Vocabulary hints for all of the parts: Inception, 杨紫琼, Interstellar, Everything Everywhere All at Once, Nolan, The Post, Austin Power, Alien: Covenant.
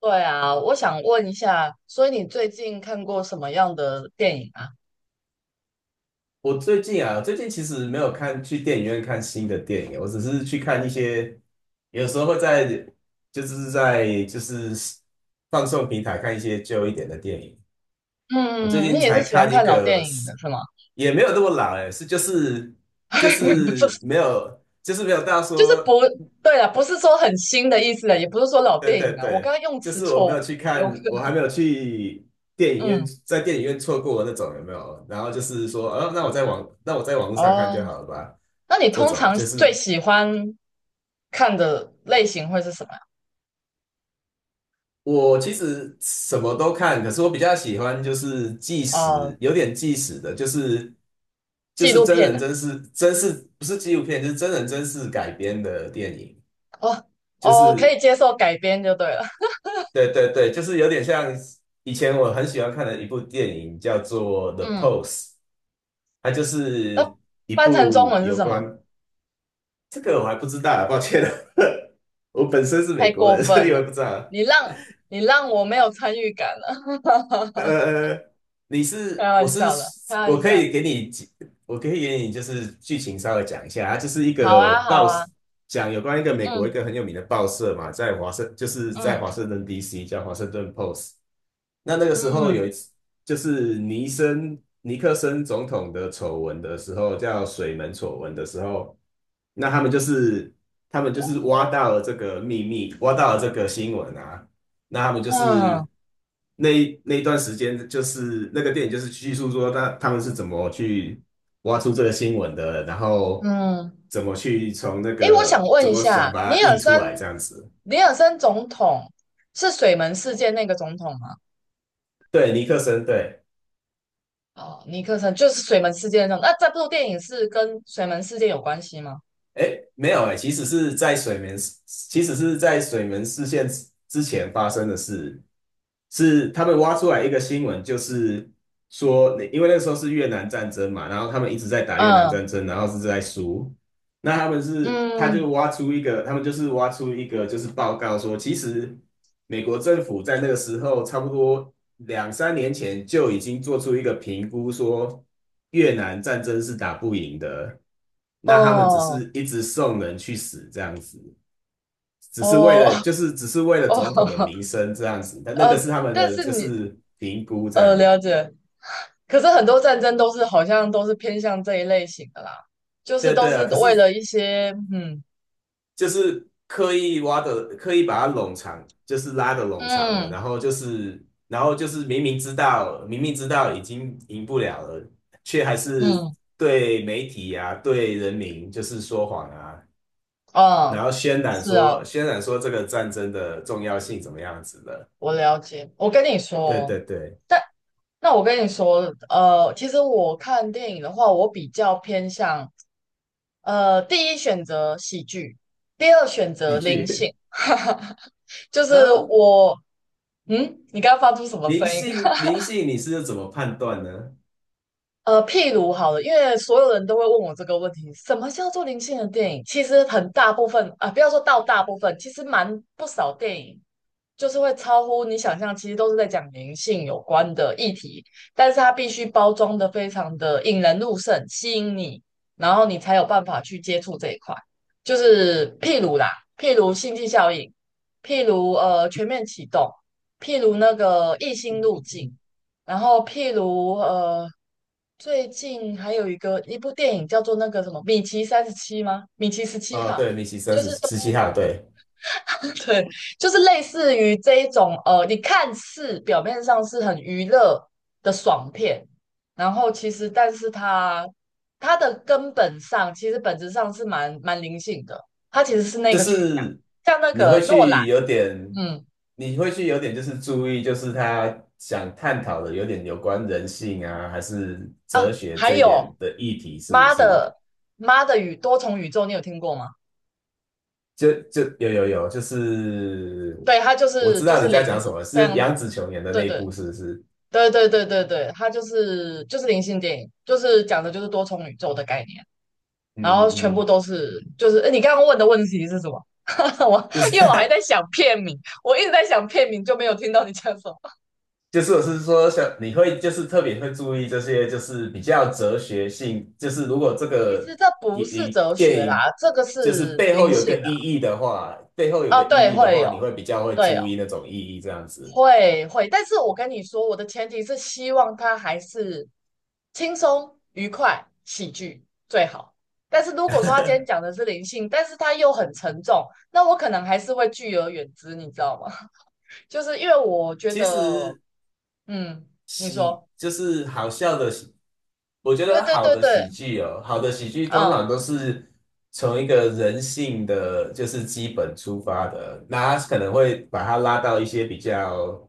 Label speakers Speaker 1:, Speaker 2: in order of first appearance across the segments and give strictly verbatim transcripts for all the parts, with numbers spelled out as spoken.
Speaker 1: 对啊，我想问一下，所以你最近看过什么样的电影啊？
Speaker 2: 我最近啊，最近其实没有看去电影院看新的电影，我只是去看一些，有时候会在就是在就是放送平台看一些旧一点的电影。我最
Speaker 1: 嗯，你
Speaker 2: 近
Speaker 1: 也是
Speaker 2: 才
Speaker 1: 喜欢
Speaker 2: 看一
Speaker 1: 看老
Speaker 2: 个
Speaker 1: 电影
Speaker 2: 是，
Speaker 1: 的是吗？
Speaker 2: 也没有那么老哎，是就是就
Speaker 1: 不是。
Speaker 2: 是没有就是没有到
Speaker 1: 就是不，
Speaker 2: 说
Speaker 1: 对啊，不是说很新的意思啊，也不是说老
Speaker 2: 对
Speaker 1: 电
Speaker 2: 对
Speaker 1: 影啊，我刚
Speaker 2: 对，
Speaker 1: 刚用
Speaker 2: 就
Speaker 1: 词
Speaker 2: 是我
Speaker 1: 错
Speaker 2: 没有
Speaker 1: 误，
Speaker 2: 去
Speaker 1: 我用
Speaker 2: 看，我还没有去电 影院，
Speaker 1: 嗯，
Speaker 2: 在电影院错过那种有没有？然后就是说，呃、那我在网，那我在网络上看
Speaker 1: 哦，
Speaker 2: 就好了吧。
Speaker 1: 那你
Speaker 2: 这
Speaker 1: 通
Speaker 2: 种
Speaker 1: 常
Speaker 2: 就是
Speaker 1: 最喜欢看的类型会是什么呀？
Speaker 2: 我其实什么都看，可是我比较喜欢就是纪实，
Speaker 1: 哦，
Speaker 2: 有点纪实的，就是就
Speaker 1: 纪
Speaker 2: 是
Speaker 1: 录
Speaker 2: 真
Speaker 1: 片
Speaker 2: 人
Speaker 1: 啊，
Speaker 2: 真事，真事不是纪录片，就是真人真事改编的电影，
Speaker 1: 哦
Speaker 2: 就
Speaker 1: 哦，可
Speaker 2: 是
Speaker 1: 以接受改编就对了。
Speaker 2: 对对对，就是有点像以前我很喜欢看的一部电影叫做 《The
Speaker 1: 嗯，
Speaker 2: Post》。它就
Speaker 1: 那
Speaker 2: 是一
Speaker 1: 翻成中
Speaker 2: 部
Speaker 1: 文是
Speaker 2: 有
Speaker 1: 什么？
Speaker 2: 关这个我还不知道啊抱歉了，我本身是
Speaker 1: 太
Speaker 2: 美国
Speaker 1: 过
Speaker 2: 人，所
Speaker 1: 分
Speaker 2: 以我也
Speaker 1: 了！
Speaker 2: 不知道。
Speaker 1: 你让你让我没有参与感了。
Speaker 2: 呃，呃你
Speaker 1: 开
Speaker 2: 是我
Speaker 1: 玩
Speaker 2: 是
Speaker 1: 笑的，开玩
Speaker 2: 我可
Speaker 1: 笑。
Speaker 2: 以给你几我可以给你就是剧情稍微讲一下，它就是一
Speaker 1: 好
Speaker 2: 个
Speaker 1: 啊，好
Speaker 2: 报
Speaker 1: 啊，
Speaker 2: 讲有关一个美国一
Speaker 1: 嗯
Speaker 2: 个很有名的报社嘛，在华盛就是在华
Speaker 1: 嗯
Speaker 2: 盛顿 D C 叫华盛顿 Post。那那个时候
Speaker 1: 嗯
Speaker 2: 有一次，就是尼森尼克森总统的丑闻的时候，叫水门丑闻的时候，那他们就是他们就是挖到了这个秘密，挖到了这个新闻啊，那他们就是
Speaker 1: 嗯
Speaker 2: 那一那一段时间，就是那个电影就是叙述说他他们是怎么去挖出这个新闻的，然后
Speaker 1: 嗯。
Speaker 2: 怎么去从那
Speaker 1: 诶，我想
Speaker 2: 个
Speaker 1: 问
Speaker 2: 怎
Speaker 1: 一
Speaker 2: 么想
Speaker 1: 下，
Speaker 2: 把
Speaker 1: 尼
Speaker 2: 它
Speaker 1: 尔
Speaker 2: 印出来这
Speaker 1: 森，
Speaker 2: 样子。
Speaker 1: 尼尔森总统是水门事件那个总统吗？
Speaker 2: 对，尼克森，对。
Speaker 1: 哦，尼克森就是水门事件那种。那这部电影是跟水门事件有关系吗？
Speaker 2: 哎，没有哎，其实是在水门，其实是在水门事件之前发生的事。是他们挖出来一个新闻，就是说，因为那时候是越南战争嘛，然后他们一直在打越南
Speaker 1: 嗯
Speaker 2: 战争，然后是在输。那他们是，他
Speaker 1: 嗯。
Speaker 2: 就挖出一个，他们就是挖出一个，就是报告说，其实美国政府在那个时候，差不多两三年前就已经做出一个评估，说越南战争是打不赢的，那他们只
Speaker 1: 哦
Speaker 2: 是一直送人去死这样子。只是为
Speaker 1: 哦
Speaker 2: 了就是只是为了
Speaker 1: 哦
Speaker 2: 总统的 名声这样子，但那个
Speaker 1: 呃，
Speaker 2: 是他们
Speaker 1: 但
Speaker 2: 的
Speaker 1: 是
Speaker 2: 就
Speaker 1: 你
Speaker 2: 是评估这
Speaker 1: 呃
Speaker 2: 样。
Speaker 1: 了解，可是很多战争都是好像都是偏向这一类型的啦，就是
Speaker 2: 对
Speaker 1: 都
Speaker 2: 对
Speaker 1: 是
Speaker 2: 啊，可
Speaker 1: 为
Speaker 2: 是
Speaker 1: 了一些嗯
Speaker 2: 就是刻意挖的，刻意把它冗长，就是拉的冗长了，
Speaker 1: 嗯
Speaker 2: 然后就是然后就是明明知道明明知道已经赢不了了，却还是
Speaker 1: 嗯
Speaker 2: 对媒体啊对人民就是说谎啊，然
Speaker 1: 啊，
Speaker 2: 后渲染
Speaker 1: 是
Speaker 2: 说
Speaker 1: 啊，
Speaker 2: 渲染说这个战争的重要性怎么样子的。
Speaker 1: 我了解。我跟你
Speaker 2: 对
Speaker 1: 说，
Speaker 2: 对对，
Speaker 1: 但那我跟你说，呃，其实我看电影的话，我比较偏向呃第一选择喜剧，第二选择
Speaker 2: 喜
Speaker 1: 灵
Speaker 2: 剧。
Speaker 1: 性。哈哈，就 是
Speaker 2: 嗯，
Speaker 1: 我嗯，你刚刚发出什么
Speaker 2: 灵
Speaker 1: 声音？
Speaker 2: 性，灵性，你是怎么判断呢？
Speaker 1: 呃，譬如好了，因为所有人都会问我这个问题，什么叫做灵性的电影？其实很大部分啊、不要说到大部分，其实蛮不少电影就是会超乎你想象，其实都是在讲灵性有关的议题，但是它必须包装的非常的引人入胜，吸引你，然后你才有办法去接触这一块。就是譬如啦，譬如星际效应，譬如呃全面启动，譬如那个异星路径，然后譬如呃最近还有一个一部电影叫做那个什么米奇三十七吗？米奇十七
Speaker 2: 哦，
Speaker 1: 号，
Speaker 2: 对，米奇三
Speaker 1: 就
Speaker 2: 十
Speaker 1: 是都
Speaker 2: 十七号，对，
Speaker 1: 对，就是类似于这一种呃，你看似表面上是很娱乐的爽片，然后其实但是它它的根本上其实本质上是蛮蛮灵性的，它其实是那
Speaker 2: 就
Speaker 1: 个取向，
Speaker 2: 是
Speaker 1: 像那
Speaker 2: 你会
Speaker 1: 个诺兰。
Speaker 2: 去有点，
Speaker 1: 嗯。
Speaker 2: 你会去有点就是注意，就是他想探讨的有点有关人性啊，还是哲
Speaker 1: 啊，
Speaker 2: 学
Speaker 1: 还
Speaker 2: 这一点
Speaker 1: 有
Speaker 2: 的议题，是不
Speaker 1: 妈
Speaker 2: 是？
Speaker 1: 的妈的宇多重宇宙，你有听过吗？
Speaker 2: 就就有有有，就是
Speaker 1: 对，它就
Speaker 2: 我
Speaker 1: 是
Speaker 2: 知
Speaker 1: 就
Speaker 2: 道
Speaker 1: 是
Speaker 2: 你
Speaker 1: 灵
Speaker 2: 在讲什么，
Speaker 1: 非
Speaker 2: 是
Speaker 1: 常
Speaker 2: 杨紫琼演的
Speaker 1: 对
Speaker 2: 那一
Speaker 1: 对
Speaker 2: 部，是不是？
Speaker 1: 对对对对对，它就是就是灵性电影，就是讲的就是多重宇宙的概念。然
Speaker 2: 嗯
Speaker 1: 后
Speaker 2: 嗯
Speaker 1: 全部
Speaker 2: 嗯，
Speaker 1: 都是，就是诶你刚刚问的问题是什么？我
Speaker 2: 就是
Speaker 1: 因为我还在想片名，我一直在想片名，就没有听到你讲什么。
Speaker 2: 就是我是说像你会就是特别会注意这些，就是比较哲学性，就是如果这
Speaker 1: 其
Speaker 2: 个
Speaker 1: 实这不
Speaker 2: 影
Speaker 1: 是
Speaker 2: 影
Speaker 1: 哲
Speaker 2: 电
Speaker 1: 学
Speaker 2: 影
Speaker 1: 啦，这
Speaker 2: 呃
Speaker 1: 个
Speaker 2: 就是
Speaker 1: 是
Speaker 2: 背后
Speaker 1: 灵
Speaker 2: 有
Speaker 1: 性
Speaker 2: 个意
Speaker 1: 啦。
Speaker 2: 义的话，背后有
Speaker 1: 啊，
Speaker 2: 个
Speaker 1: 哦
Speaker 2: 意
Speaker 1: 对，
Speaker 2: 义的
Speaker 1: 会
Speaker 2: 话，
Speaker 1: 有，
Speaker 2: 你会比较会
Speaker 1: 对哦，
Speaker 2: 注意那种意义这样子。
Speaker 1: 会会，但是我跟你说，我的前提是希望他还是轻松、愉快、喜剧最好。但是如果说他今天讲的是灵性，但是他又很沉重，那我可能还是会拒而远之，你知道吗？就是因为我觉
Speaker 2: 其
Speaker 1: 得
Speaker 2: 实
Speaker 1: 嗯，你
Speaker 2: 喜
Speaker 1: 说，
Speaker 2: 就是好笑的喜，我觉
Speaker 1: 对
Speaker 2: 得
Speaker 1: 对
Speaker 2: 好
Speaker 1: 对
Speaker 2: 的
Speaker 1: 对，
Speaker 2: 喜剧哦，好的喜剧通
Speaker 1: 嗯，
Speaker 2: 常都是从一个人性的就是基本出发的，那它可能会把它拉到一些比较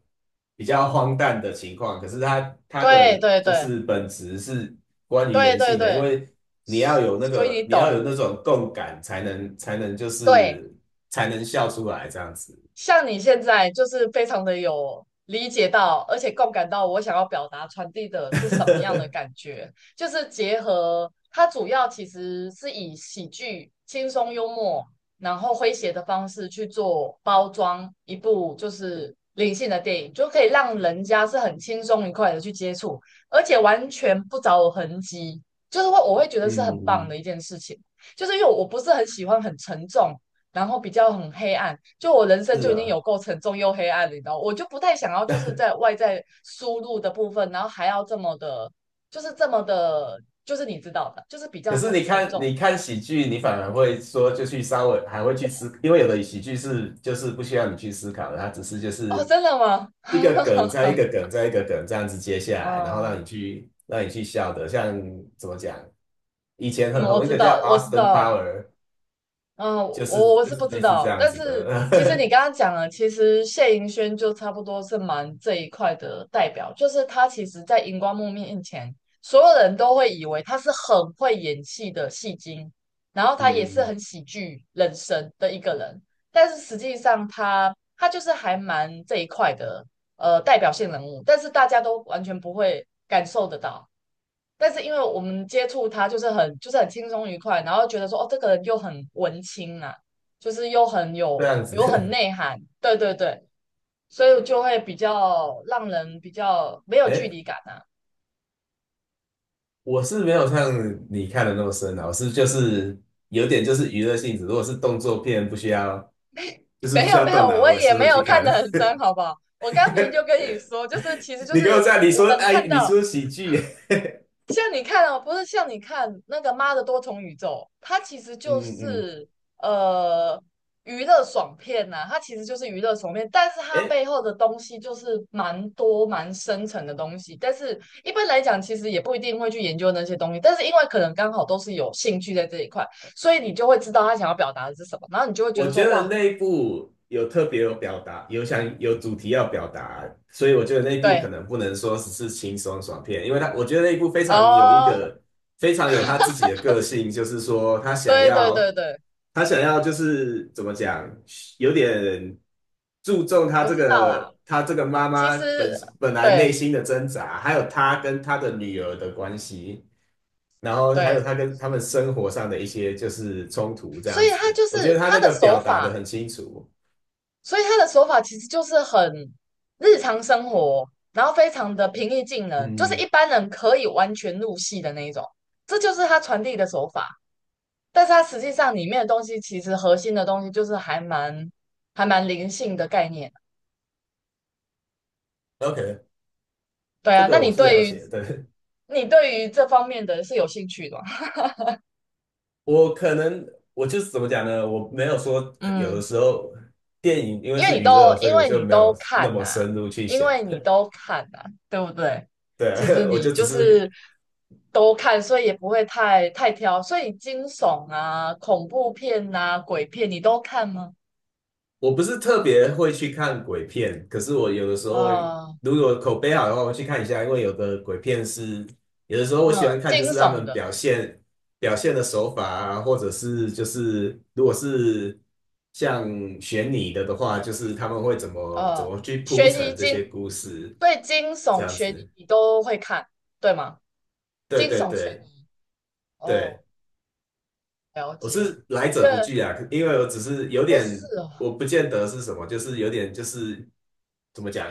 Speaker 2: 比较荒诞的情况，可是它它
Speaker 1: 对
Speaker 2: 的
Speaker 1: 对
Speaker 2: 就
Speaker 1: 对
Speaker 2: 是本质是关于
Speaker 1: 对
Speaker 2: 人
Speaker 1: 对
Speaker 2: 性的，因
Speaker 1: 对，
Speaker 2: 为你要有那
Speaker 1: 所以
Speaker 2: 个
Speaker 1: 你
Speaker 2: 你要有
Speaker 1: 懂，
Speaker 2: 那种共感，才能才能就
Speaker 1: 对。
Speaker 2: 是才能笑出来这样子。
Speaker 1: 像你现在就是非常的有理解到，而且共感到我想要表达传递的是什么样的 感觉，就是结合它主要其实是以喜剧、轻松幽默，然后诙谐的方式去做包装一部就是灵性的电影，就可以让人家是很轻松愉快的去接触，而且完全不着痕迹，就是会我会觉得是很棒
Speaker 2: 嗯，
Speaker 1: 的一件事情，就是因为我不是很喜欢很沉重。然后比较很黑暗，就我人生
Speaker 2: 是
Speaker 1: 就已经
Speaker 2: 啊。
Speaker 1: 有够沉重又黑暗了，你知道，我就不太想要就是在外在输入的部分，然后还要这么的，就是这么的，就是你知道的，就是比较
Speaker 2: 可是
Speaker 1: 很
Speaker 2: 你
Speaker 1: 沉
Speaker 2: 看，
Speaker 1: 重
Speaker 2: 你
Speaker 1: 那一
Speaker 2: 看
Speaker 1: 块。
Speaker 2: 喜剧，你反而会说就去稍微还会去思，因为有的喜剧是就是不需要你去思考的，它只是就
Speaker 1: 哦，
Speaker 2: 是
Speaker 1: 真的吗？
Speaker 2: 一个梗 再一个梗再一个梗这样子接下来，然后让你
Speaker 1: 嗯
Speaker 2: 去让你去笑的。像怎么讲，以前
Speaker 1: 嗯，
Speaker 2: 很
Speaker 1: 我
Speaker 2: 红一
Speaker 1: 知
Speaker 2: 个叫
Speaker 1: 道，我知
Speaker 2: Austin
Speaker 1: 道。
Speaker 2: Power,
Speaker 1: 嗯，
Speaker 2: 就是
Speaker 1: 我我
Speaker 2: 就
Speaker 1: 是
Speaker 2: 是
Speaker 1: 不知
Speaker 2: 类似这
Speaker 1: 道，
Speaker 2: 样
Speaker 1: 但
Speaker 2: 子
Speaker 1: 是其实你
Speaker 2: 的，
Speaker 1: 刚刚讲了，其实谢盈萱就差不多是蛮这一块的代表，就是她其实在荧光幕面前，所有人都会以为他是很会演戏的戏精，然后 他也是
Speaker 2: 嗯，
Speaker 1: 很喜剧人生的一个人，但是实际上他他就是还蛮这一块的呃代表性人物，但是大家都完全不会感受得到。但是因为我们接触他就是很就是很轻松愉快，然后觉得说哦，这个人又很文青啊，就是又很
Speaker 2: 这
Speaker 1: 有
Speaker 2: 样
Speaker 1: 有很
Speaker 2: 子。
Speaker 1: 内涵，对对对，所以就会比较让人比 较没有距
Speaker 2: 哎，
Speaker 1: 离感啊。
Speaker 2: 我是没有像你看的那么深啊，我是就是有点就是娱乐性质，如果是动作片不需要就是不
Speaker 1: 没
Speaker 2: 需
Speaker 1: 有
Speaker 2: 要
Speaker 1: 没
Speaker 2: 动
Speaker 1: 有，
Speaker 2: 脑，
Speaker 1: 我
Speaker 2: 我也
Speaker 1: 也
Speaker 2: 是
Speaker 1: 没
Speaker 2: 会
Speaker 1: 有
Speaker 2: 去
Speaker 1: 看
Speaker 2: 看。
Speaker 1: 得很 深，好不好？我刚明明就跟你说，就是其实 就
Speaker 2: 你给我
Speaker 1: 是
Speaker 2: 在，你
Speaker 1: 我
Speaker 2: 说
Speaker 1: 们看
Speaker 2: 哎，你
Speaker 1: 到
Speaker 2: 说喜剧，
Speaker 1: 像你看哦，不是像你看那个《妈的多重宇宙》，它其实就
Speaker 2: 嗯嗯，
Speaker 1: 是呃娱乐爽片呐、它其实就是娱乐爽片，但是它
Speaker 2: 哎，
Speaker 1: 背后的东西就是蛮多蛮深层的东西。但是一般来讲，其实也不一定会去研究那些东西，但是因为可能刚好都是有兴趣在这一块，所以你就会知道他想要表达的是什么，然后你就会觉
Speaker 2: 我
Speaker 1: 得
Speaker 2: 觉
Speaker 1: 说
Speaker 2: 得
Speaker 1: 哇，
Speaker 2: 那一部有特别有表达，有想有主题要表达，所以我觉得那一部可
Speaker 1: 对，
Speaker 2: 能不能说只是轻松爽片，因为他我觉得那一部非常有一
Speaker 1: 哦，
Speaker 2: 个非常有他自己的个性，就是说他想
Speaker 1: 对对对
Speaker 2: 要
Speaker 1: 对，
Speaker 2: 他想要就是怎么讲，有点注重他
Speaker 1: 我
Speaker 2: 这
Speaker 1: 知道啦。
Speaker 2: 个他这个妈
Speaker 1: 其
Speaker 2: 妈
Speaker 1: 实
Speaker 2: 本本来内
Speaker 1: 对
Speaker 2: 心的挣扎，还有他跟他的女儿的关系。然后还有
Speaker 1: 对，
Speaker 2: 他跟他们生活上的一些就是冲突这
Speaker 1: 所
Speaker 2: 样
Speaker 1: 以他
Speaker 2: 子，
Speaker 1: 就
Speaker 2: 我觉
Speaker 1: 是
Speaker 2: 得他
Speaker 1: 他
Speaker 2: 那
Speaker 1: 的
Speaker 2: 个
Speaker 1: 手
Speaker 2: 表达
Speaker 1: 法。
Speaker 2: 的很清楚。
Speaker 1: 所以他的手法其实就是很日常生活，然后非常的平易近人，就是一
Speaker 2: 嗯，
Speaker 1: 般人可以完全入戏的那一种。这就是他传递的手法，但是他实际上里面的东西，其实核心的东西就是还蛮还蛮灵性的概念。
Speaker 2: OK,
Speaker 1: 对
Speaker 2: 这
Speaker 1: 啊，那
Speaker 2: 个
Speaker 1: 你
Speaker 2: 我是了
Speaker 1: 对于
Speaker 2: 解的，对，
Speaker 1: 你对于这方面的是有兴趣的吗？
Speaker 2: 我可能我就是怎么讲呢？我没有说呃有的
Speaker 1: 嗯。
Speaker 2: 时候电影因为
Speaker 1: 因为
Speaker 2: 是
Speaker 1: 你都
Speaker 2: 娱乐，所
Speaker 1: 因
Speaker 2: 以我
Speaker 1: 为你
Speaker 2: 就没
Speaker 1: 都
Speaker 2: 有那
Speaker 1: 看呐、
Speaker 2: 么深入去
Speaker 1: 因
Speaker 2: 想。
Speaker 1: 为你 都看呐，对不对？其实
Speaker 2: 对，我
Speaker 1: 你
Speaker 2: 就只
Speaker 1: 就
Speaker 2: 是
Speaker 1: 是都看，所以也不会太太挑。所以惊悚啊、恐怖片呐、鬼片你都看吗？
Speaker 2: 我不是特别会去看鬼片，可是我有的时候会
Speaker 1: 啊、
Speaker 2: 如果口碑好的话，我会去看一下，因为有的鬼片是，有的时候我喜
Speaker 1: 嗯，
Speaker 2: 欢看，
Speaker 1: 惊
Speaker 2: 就是他
Speaker 1: 悚
Speaker 2: 们
Speaker 1: 的，
Speaker 2: 表现表现的手法啊，或者是就是如果是像悬疑的的话，就是他们会怎么怎
Speaker 1: 呃，
Speaker 2: 么去铺
Speaker 1: 悬疑
Speaker 2: 陈这
Speaker 1: 惊，
Speaker 2: 些故事，
Speaker 1: 对，惊
Speaker 2: 这
Speaker 1: 悚、
Speaker 2: 样
Speaker 1: 悬疑
Speaker 2: 子。
Speaker 1: 你都会看，对吗？
Speaker 2: 对
Speaker 1: 惊
Speaker 2: 对
Speaker 1: 悚、悬
Speaker 2: 对
Speaker 1: 疑，哦，
Speaker 2: 对，
Speaker 1: 了
Speaker 2: 我
Speaker 1: 解，
Speaker 2: 是来
Speaker 1: 因
Speaker 2: 者不
Speaker 1: 为
Speaker 2: 拒啊，因为我只是有
Speaker 1: 我是
Speaker 2: 点，
Speaker 1: 哦，
Speaker 2: 我不见得是什么，就是有点就是怎么讲。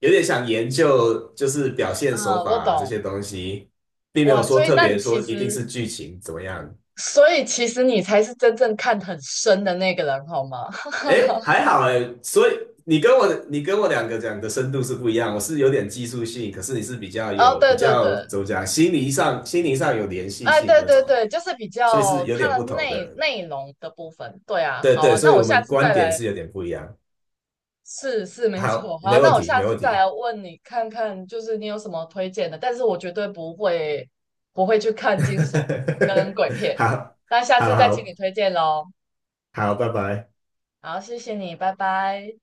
Speaker 2: 有点想研究，就是表现
Speaker 1: 啊、
Speaker 2: 手法
Speaker 1: 我
Speaker 2: 啊这些
Speaker 1: 懂。
Speaker 2: 东西，并没有
Speaker 1: 哇，
Speaker 2: 说
Speaker 1: 所以
Speaker 2: 特
Speaker 1: 那你
Speaker 2: 别说
Speaker 1: 其
Speaker 2: 一定
Speaker 1: 实
Speaker 2: 是剧情怎么样。
Speaker 1: 所以其实你才是真正看很深的那个人，好吗？
Speaker 2: 诶，还好诶，所以你跟我你跟我两个讲的深度是不一样，我是有点技术性，可是你是比较
Speaker 1: 哦，
Speaker 2: 有
Speaker 1: 对
Speaker 2: 比
Speaker 1: 对对，
Speaker 2: 较怎么讲，心理上心理上有联系
Speaker 1: 哎，
Speaker 2: 性
Speaker 1: 对
Speaker 2: 那
Speaker 1: 对
Speaker 2: 种，
Speaker 1: 对，就是比
Speaker 2: 所以是
Speaker 1: 较
Speaker 2: 有
Speaker 1: 它
Speaker 2: 点
Speaker 1: 的
Speaker 2: 不同
Speaker 1: 内
Speaker 2: 的。
Speaker 1: 内容的部分。对啊，
Speaker 2: 对
Speaker 1: 好
Speaker 2: 对，
Speaker 1: 啊，
Speaker 2: 所
Speaker 1: 那
Speaker 2: 以
Speaker 1: 我
Speaker 2: 我
Speaker 1: 下
Speaker 2: 们
Speaker 1: 次再
Speaker 2: 观点
Speaker 1: 来，
Speaker 2: 是有点不一样。
Speaker 1: 是是没
Speaker 2: 好，
Speaker 1: 错。好，
Speaker 2: 没问
Speaker 1: 那我
Speaker 2: 题，
Speaker 1: 下
Speaker 2: 没
Speaker 1: 次
Speaker 2: 问
Speaker 1: 再
Speaker 2: 题。
Speaker 1: 来问你看看，就是你有什么推荐的？但是我绝对不会不会去看惊悚跟鬼 片，
Speaker 2: 好，
Speaker 1: 那下
Speaker 2: 好
Speaker 1: 次再请你
Speaker 2: 好
Speaker 1: 推荐喽。
Speaker 2: 好拜拜。
Speaker 1: 好，谢谢你，拜拜。